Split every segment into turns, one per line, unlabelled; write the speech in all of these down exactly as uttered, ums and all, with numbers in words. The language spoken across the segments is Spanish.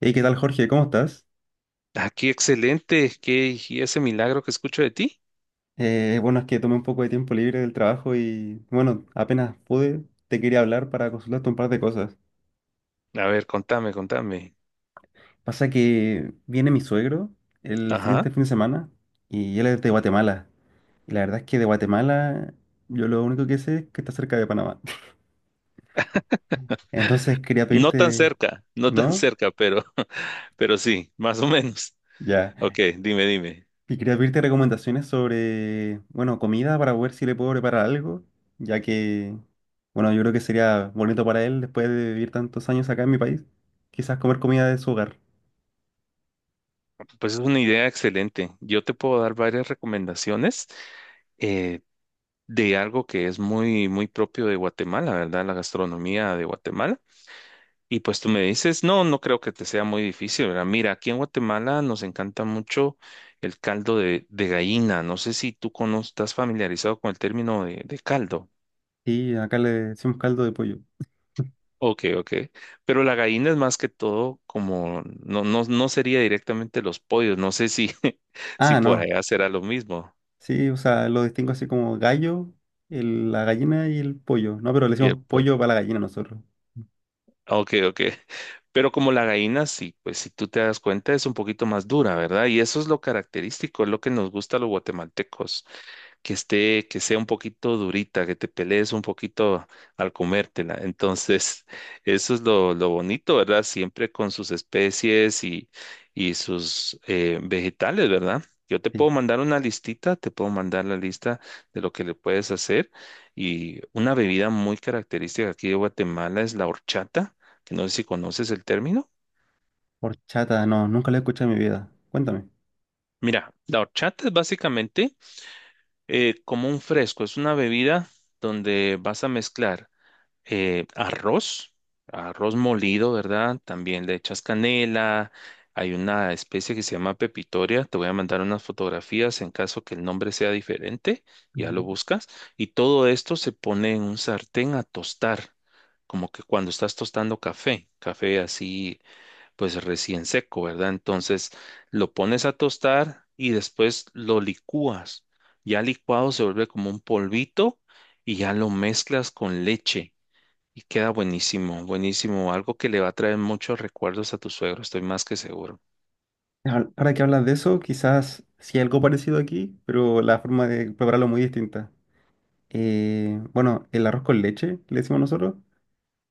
Hey, ¿qué tal, Jorge? ¿Cómo estás?
Ah, qué excelente, qué y ese milagro que escucho de ti.
Eh, bueno, es que tomé un poco de tiempo libre del trabajo y, bueno, apenas pude, te quería hablar para consultarte un par de cosas.
A ver, contame, contame.
Pasa que viene mi suegro el
Ajá.
siguiente fin de semana y él es de Guatemala. Y la verdad es que de Guatemala yo lo único que sé es que está cerca de Panamá. Entonces quería
No tan
pedirte,
cerca, no tan
¿no?
cerca, pero, pero sí, más o menos.
Ya.
Ok, dime, dime.
Y quería pedirte recomendaciones sobre, bueno, comida para ver si le puedo preparar algo, ya que, bueno, yo creo que sería bonito para él después de vivir tantos años acá en mi país, quizás comer comida de su hogar.
Pues es una idea excelente. Yo te puedo dar varias recomendaciones eh, de algo que es muy, muy propio de Guatemala, ¿verdad? La gastronomía de Guatemala. Y pues tú me dices, no, no creo que te sea muy difícil, ¿verdad? Mira, aquí en Guatemala nos encanta mucho el caldo de, de gallina. No sé si tú cono- estás familiarizado con el término de, de caldo.
Y acá le decimos caldo de pollo.
Ok, ok. Pero la gallina es más que todo como, no, no, no sería directamente los pollos. No sé si, si
Ah,
por
no.
allá será lo mismo.
Sí, o sea, lo distingo así como gallo, el- la gallina y el pollo. No, pero le
Y el
decimos
pollo.
pollo para la gallina nosotros.
Ok, ok. Pero como la gallina, sí, pues si tú te das cuenta es un poquito más dura, ¿verdad? Y eso es lo característico, es lo que nos gusta a los guatemaltecos que esté, que sea un poquito durita, que te pelees un poquito al comértela. Entonces, eso es lo, lo bonito, ¿verdad? Siempre con sus especies y, y sus eh, vegetales, ¿verdad? Yo te
Sí.
puedo mandar una listita, te puedo mandar la lista de lo que le puedes hacer. Y una bebida muy característica aquí de Guatemala es la horchata, que no sé si conoces el término.
Horchata, no, nunca lo he escuchado en mi vida. Cuéntame.
Mira, la horchata es básicamente eh, como un fresco, es una bebida donde vas a mezclar eh, arroz, arroz molido, ¿verdad? También le echas canela. Hay una especie que se llama pepitoria. Te voy a mandar unas fotografías en caso que el nombre sea diferente. Ya lo buscas. Y todo esto se pone en un sartén a tostar, como que cuando estás tostando café, café así, pues recién seco, ¿verdad? Entonces lo pones a tostar y después lo licúas. Ya licuado se vuelve como un polvito y ya lo mezclas con leche. Y queda buenísimo, buenísimo. Algo que le va a traer muchos recuerdos a tu suegro, estoy más que seguro.
Ahor- Ahora que hablas de eso, quizás sí hay algo parecido aquí, pero la forma de prepararlo es muy distinta. Eh, bueno, el arroz con leche, le decimos nosotros.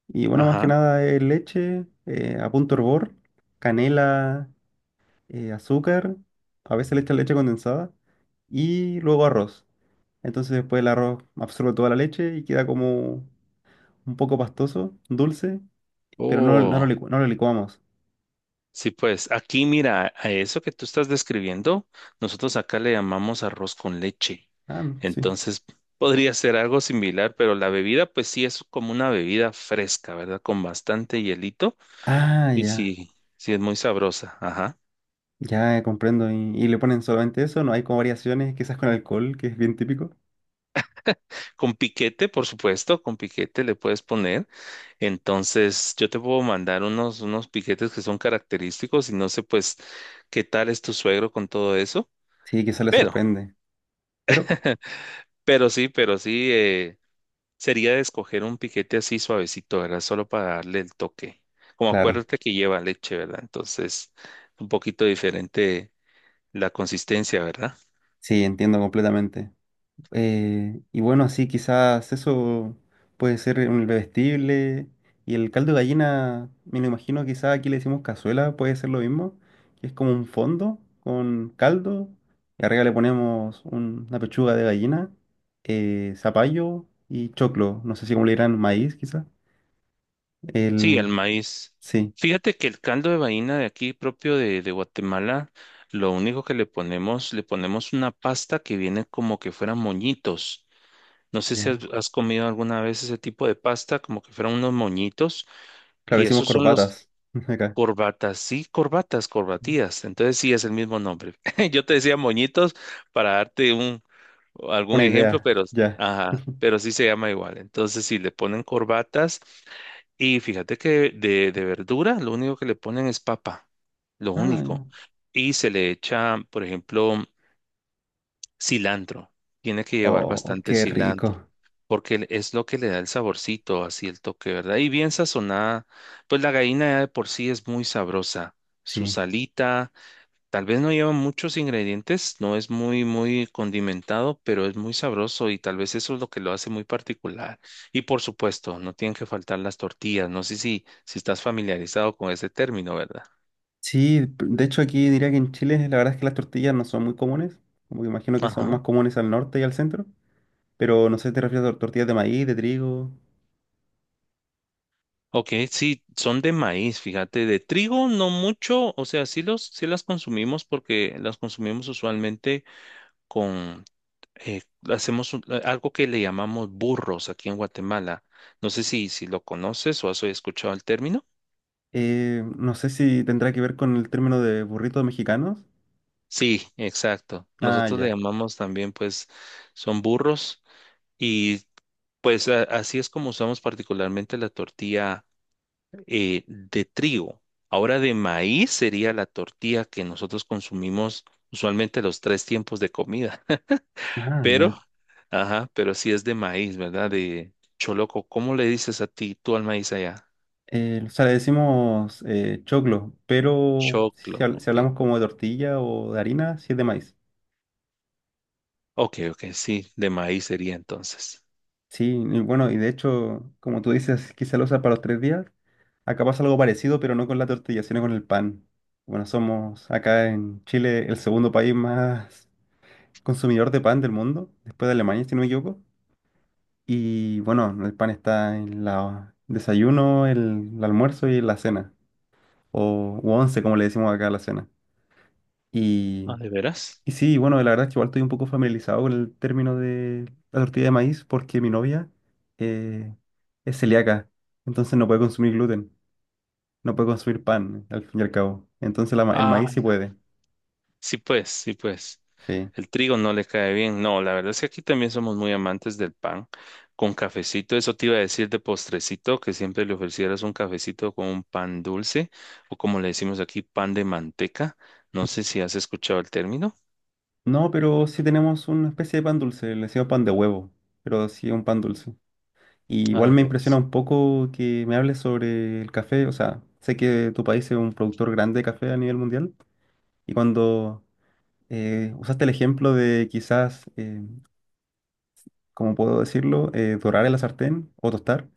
Y bueno, más que
Ajá.
nada es leche, eh, a punto hervor, canela, eh, azúcar, a veces le echan leche condensada y luego arroz. Entonces después el arroz absorbe toda la leche y queda como un poco pastoso, dulce, pero no, no lo
Oh,
licu- no lo licuamos.
sí, pues aquí mira, a eso que tú estás describiendo, nosotros acá le llamamos arroz con leche.
Ah, no, sí.
Entonces, podría ser algo similar, pero la bebida, pues sí, es como una bebida fresca, ¿verdad? Con bastante hielito
Ah,
y
ya.
sí, sí, es muy sabrosa. Ajá.
Ya eh, comprendo. ¿Y, y le ponen solamente eso? ¿No hay como variaciones, quizás con alcohol, que es bien típico?
Con piquete, por supuesto, con piquete le puedes poner. Entonces, yo te puedo mandar unos, unos piquetes que son característicos y no sé, pues, qué tal es tu suegro con todo eso.
Sí, quizás le
Pero,
sorprende. Pero,
pero sí, pero sí, eh, sería de escoger un piquete así suavecito, ¿verdad? Solo para darle el toque. Como
claro,
acuérdate que lleva leche, ¿verdad? Entonces, un poquito diferente la consistencia, ¿verdad?
sí, entiendo completamente. Eh, y bueno, sí, quizás eso puede ser un bebestible. Y el caldo de gallina, me lo imagino, quizás aquí le decimos cazuela, puede ser lo mismo, que es como un fondo con caldo. Y arriba le ponemos un- una pechuga de gallina, eh, zapallo y choclo. No sé si como le dirán maíz, quizás.
Sí, el
El,
maíz.
sí.
Fíjate que el caldo de vaina de aquí propio de, de Guatemala, lo único que le ponemos, le ponemos una pasta que viene como que fueran moñitos. No sé si has,
Ya.
has comido alguna vez ese tipo de pasta, como que fueran unos moñitos,
Claro,
y
decimos
esos son los
corbatas. Acá.
corbatas, sí, corbatas, corbatías. Entonces sí es el mismo nombre. Yo te decía moñitos para darte un algún
Una
ejemplo,
idea.
pero
Ya.
ajá, pero sí se llama igual. Entonces, sí le ponen corbatas. Y fíjate que de, de verdura lo único que le ponen es papa, lo
Ah,
único.
ya.
Y se le echa, por ejemplo, cilantro. Tiene que llevar
Oh,
bastante
qué
cilantro,
rico.
porque es lo que le da el saborcito, así el toque, ¿verdad? Y bien sazonada, pues la gallina ya de por sí es muy sabrosa. Su
Sí.
salita. Tal vez no lleva muchos ingredientes, no es muy, muy condimentado, pero es muy sabroso y tal vez eso es lo que lo hace muy particular. Y por supuesto, no tienen que faltar las tortillas. No sé si, si estás familiarizado con ese término, ¿verdad?
Sí, p- de hecho aquí diría que en Chile la verdad es que las tortillas no son muy comunes. Como que imagino que son
Ajá.
más comunes al norte y al centro. Pero no sé si te refieres a tortillas de maíz, de trigo.
Ok, sí, son de maíz, fíjate, de trigo no mucho, o sea, sí los, sí las consumimos porque las consumimos usualmente con, eh, hacemos un- eh, algo que le llamamos burros aquí en Guatemala. No sé si, si lo conoces o has escuchado el término.
Eh, no sé si tendrá que ver con el término de burritos mexicanos.
Sí, exacto.
Ah,
Nosotros le
ya.
llamamos también, pues, son burros y pues a- así es como usamos particularmente la tortilla eh, de trigo. Ahora de maíz sería la tortilla que nosotros consumimos usualmente los tres tiempos de comida,
Ah,
pero,
ya.
ajá, pero sí es de maíz, ¿verdad? De choloco. ¿Cómo le dices a ti, tú al maíz allá?
Eh, o sea, le decimos eh, choclo, pero si, si
Choclo,
habl- si
ok.
hablamos como de tortilla o de harina, sí es de maíz.
Ok, ok, sí, de maíz sería entonces.
Sí, y bueno, y de hecho, como tú dices, quizá lo usas para los tres días. Acá pasa algo parecido, pero no con la tortilla, sino con el pan. Bueno, somos acá en Chile el segundo país más consumidor de pan del mundo, después de Alemania, si no me equivoco. Y bueno, el pan está en la desayuno, el, el almuerzo y la cena, o u once, como le decimos acá a la cena. Y
Ah, ¿de veras?
y sí, bueno, la verdad es que igual estoy un poco familiarizado con el término de la tortilla de maíz porque mi novia eh, es celíaca, entonces no puede consumir gluten, no puede consumir pan, al fin y al cabo. Entonces la ma- el
Ah,
maíz sí puede,
sí, pues, sí, pues.
sí.
El trigo no le cae bien. No, la verdad es que aquí también somos muy amantes del pan con cafecito. Eso te iba a decir de postrecito, que siempre le ofrecieras un cafecito con un pan dulce o como le decimos aquí, pan de manteca. No sé si has escuchado el término.
No, pero sí tenemos una especie de pan dulce, le decimos pan de huevo, pero sí es un pan dulce. Y
Ah,
igual
de
me impresiona
veras.
un poco que me hables sobre el café, o sea, sé que tu país es un productor grande de café a nivel mundial y cuando eh, usaste el ejemplo de quizás... eh, ¿cómo puedo decirlo? eh, dorar en la sartén o tostar.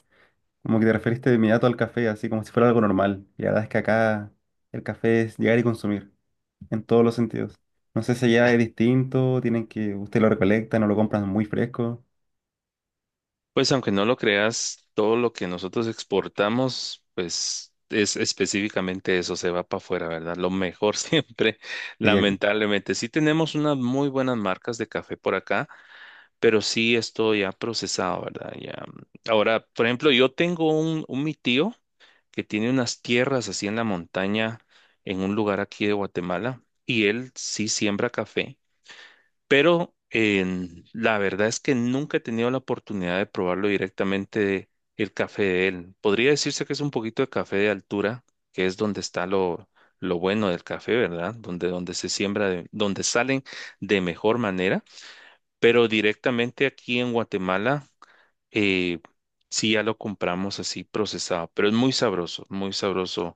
Como que te referiste de inmediato al café, así como si fuera algo normal. Y la verdad es que acá el café es llegar y consumir, en todos los sentidos. No sé si allá es distinto, tienen que, usted lo recolecta, no lo compran muy fresco,
Pues aunque no lo creas, todo lo que nosotros exportamos, pues es específicamente eso, se va para afuera, ¿verdad? Lo mejor siempre,
y aquí.
lamentablemente. Sí tenemos unas muy buenas marcas de café por acá pero sí esto ya procesado, ¿verdad? Ya. Ahora, por ejemplo, yo tengo un, un mi tío que tiene unas tierras así en la montaña, en un lugar aquí de Guatemala, y él sí siembra café, pero en- la verdad es que nunca he tenido la oportunidad de probarlo directamente el café de él. Podría decirse que es un poquito de café de altura, que es donde está lo, lo bueno del café, ¿verdad? Donde, donde se siembra, de- donde salen de mejor manera pero directamente aquí en Guatemala, eh, sí ya lo compramos así procesado, pero es muy sabroso, muy sabroso.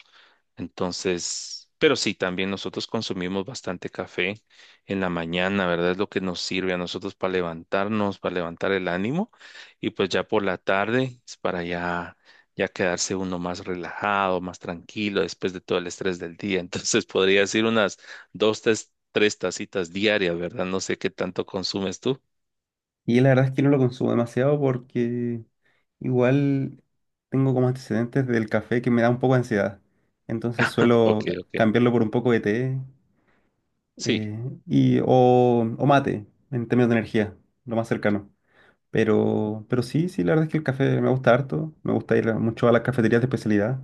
Entonces, pero sí, también nosotros consumimos bastante café en la mañana, ¿verdad? Es lo que nos sirve a nosotros para levantarnos, para levantar el ánimo. Y pues ya por la tarde es para ya, ya quedarse uno más relajado, más tranquilo después de todo el estrés del día. Entonces podría decir unas dos, tres, tres tacitas diarias, ¿verdad? No sé qué tanto consumes tú.
Y la verdad es que no lo consumo demasiado porque igual tengo como antecedentes del café que me da un poco de ansiedad. Entonces suelo
Ok,
ca-
ok.
cambiarlo por un poco de té
Sí,
eh, y, o, o mate en términos de energía, lo más cercano. Pero, pero sí, sí, la verdad es que el café me gusta harto. Me gusta ir a- mucho a las cafeterías de especialidad.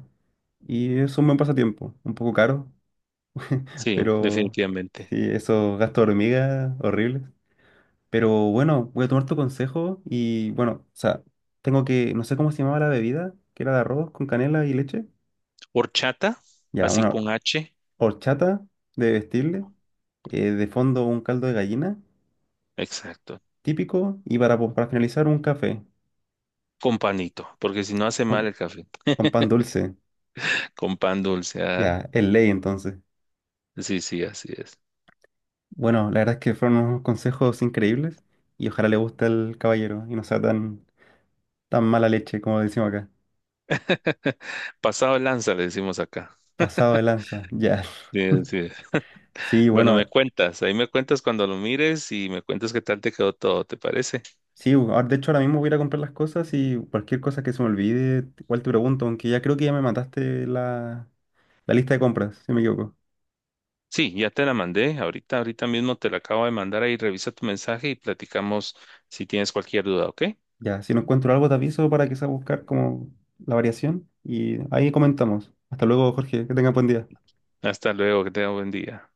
Y es un buen pasatiempo. Un poco caro,
sí,
pero
definitivamente.
sí, esos gastos de hormiga horribles. Pero bueno, voy a tomar tu consejo y bueno, o sea, tengo que, no sé cómo se llamaba la bebida, que era de arroz con canela y leche.
Horchata,
Ya,
así
una
con H,
horchata de vestirle, eh, de fondo un caldo de gallina,
exacto.
típico, y para, po- para finalizar un café
Con panito, porque si no hace mal
con,
el café.
con pan dulce.
Con pan dulce, ah,
Ya, es ley entonces.
sí, sí, así es.
Bueno, la verdad es que fueron unos consejos increíbles y ojalá le guste al caballero y no sea tan, tan mala leche como decimos acá.
Pasado de lanza, le decimos acá.
Pasado de lanza, ya.
Sí, sí.
Sí,
Bueno, me
bueno,
cuentas, ahí me cuentas cuando lo mires y me cuentas qué tal te quedó todo, ¿te parece?
sí, ahora- de hecho ahora mismo voy a ir a comprar las cosas y cualquier cosa que se me olvide, igual te pregunto, aunque ya creo que ya me mataste la, la lista de compras, si no me equivoco.
Sí, ya te la mandé, ahorita, ahorita mismo te la acabo de mandar ahí, revisa tu mensaje y platicamos si tienes cualquier duda, ¿ok?
Ya, si no encuentro algo te aviso para que sea buscar como la variación y ahí comentamos. Hasta luego, Jorge, que tengas buen día.
Hasta luego, que tenga buen día.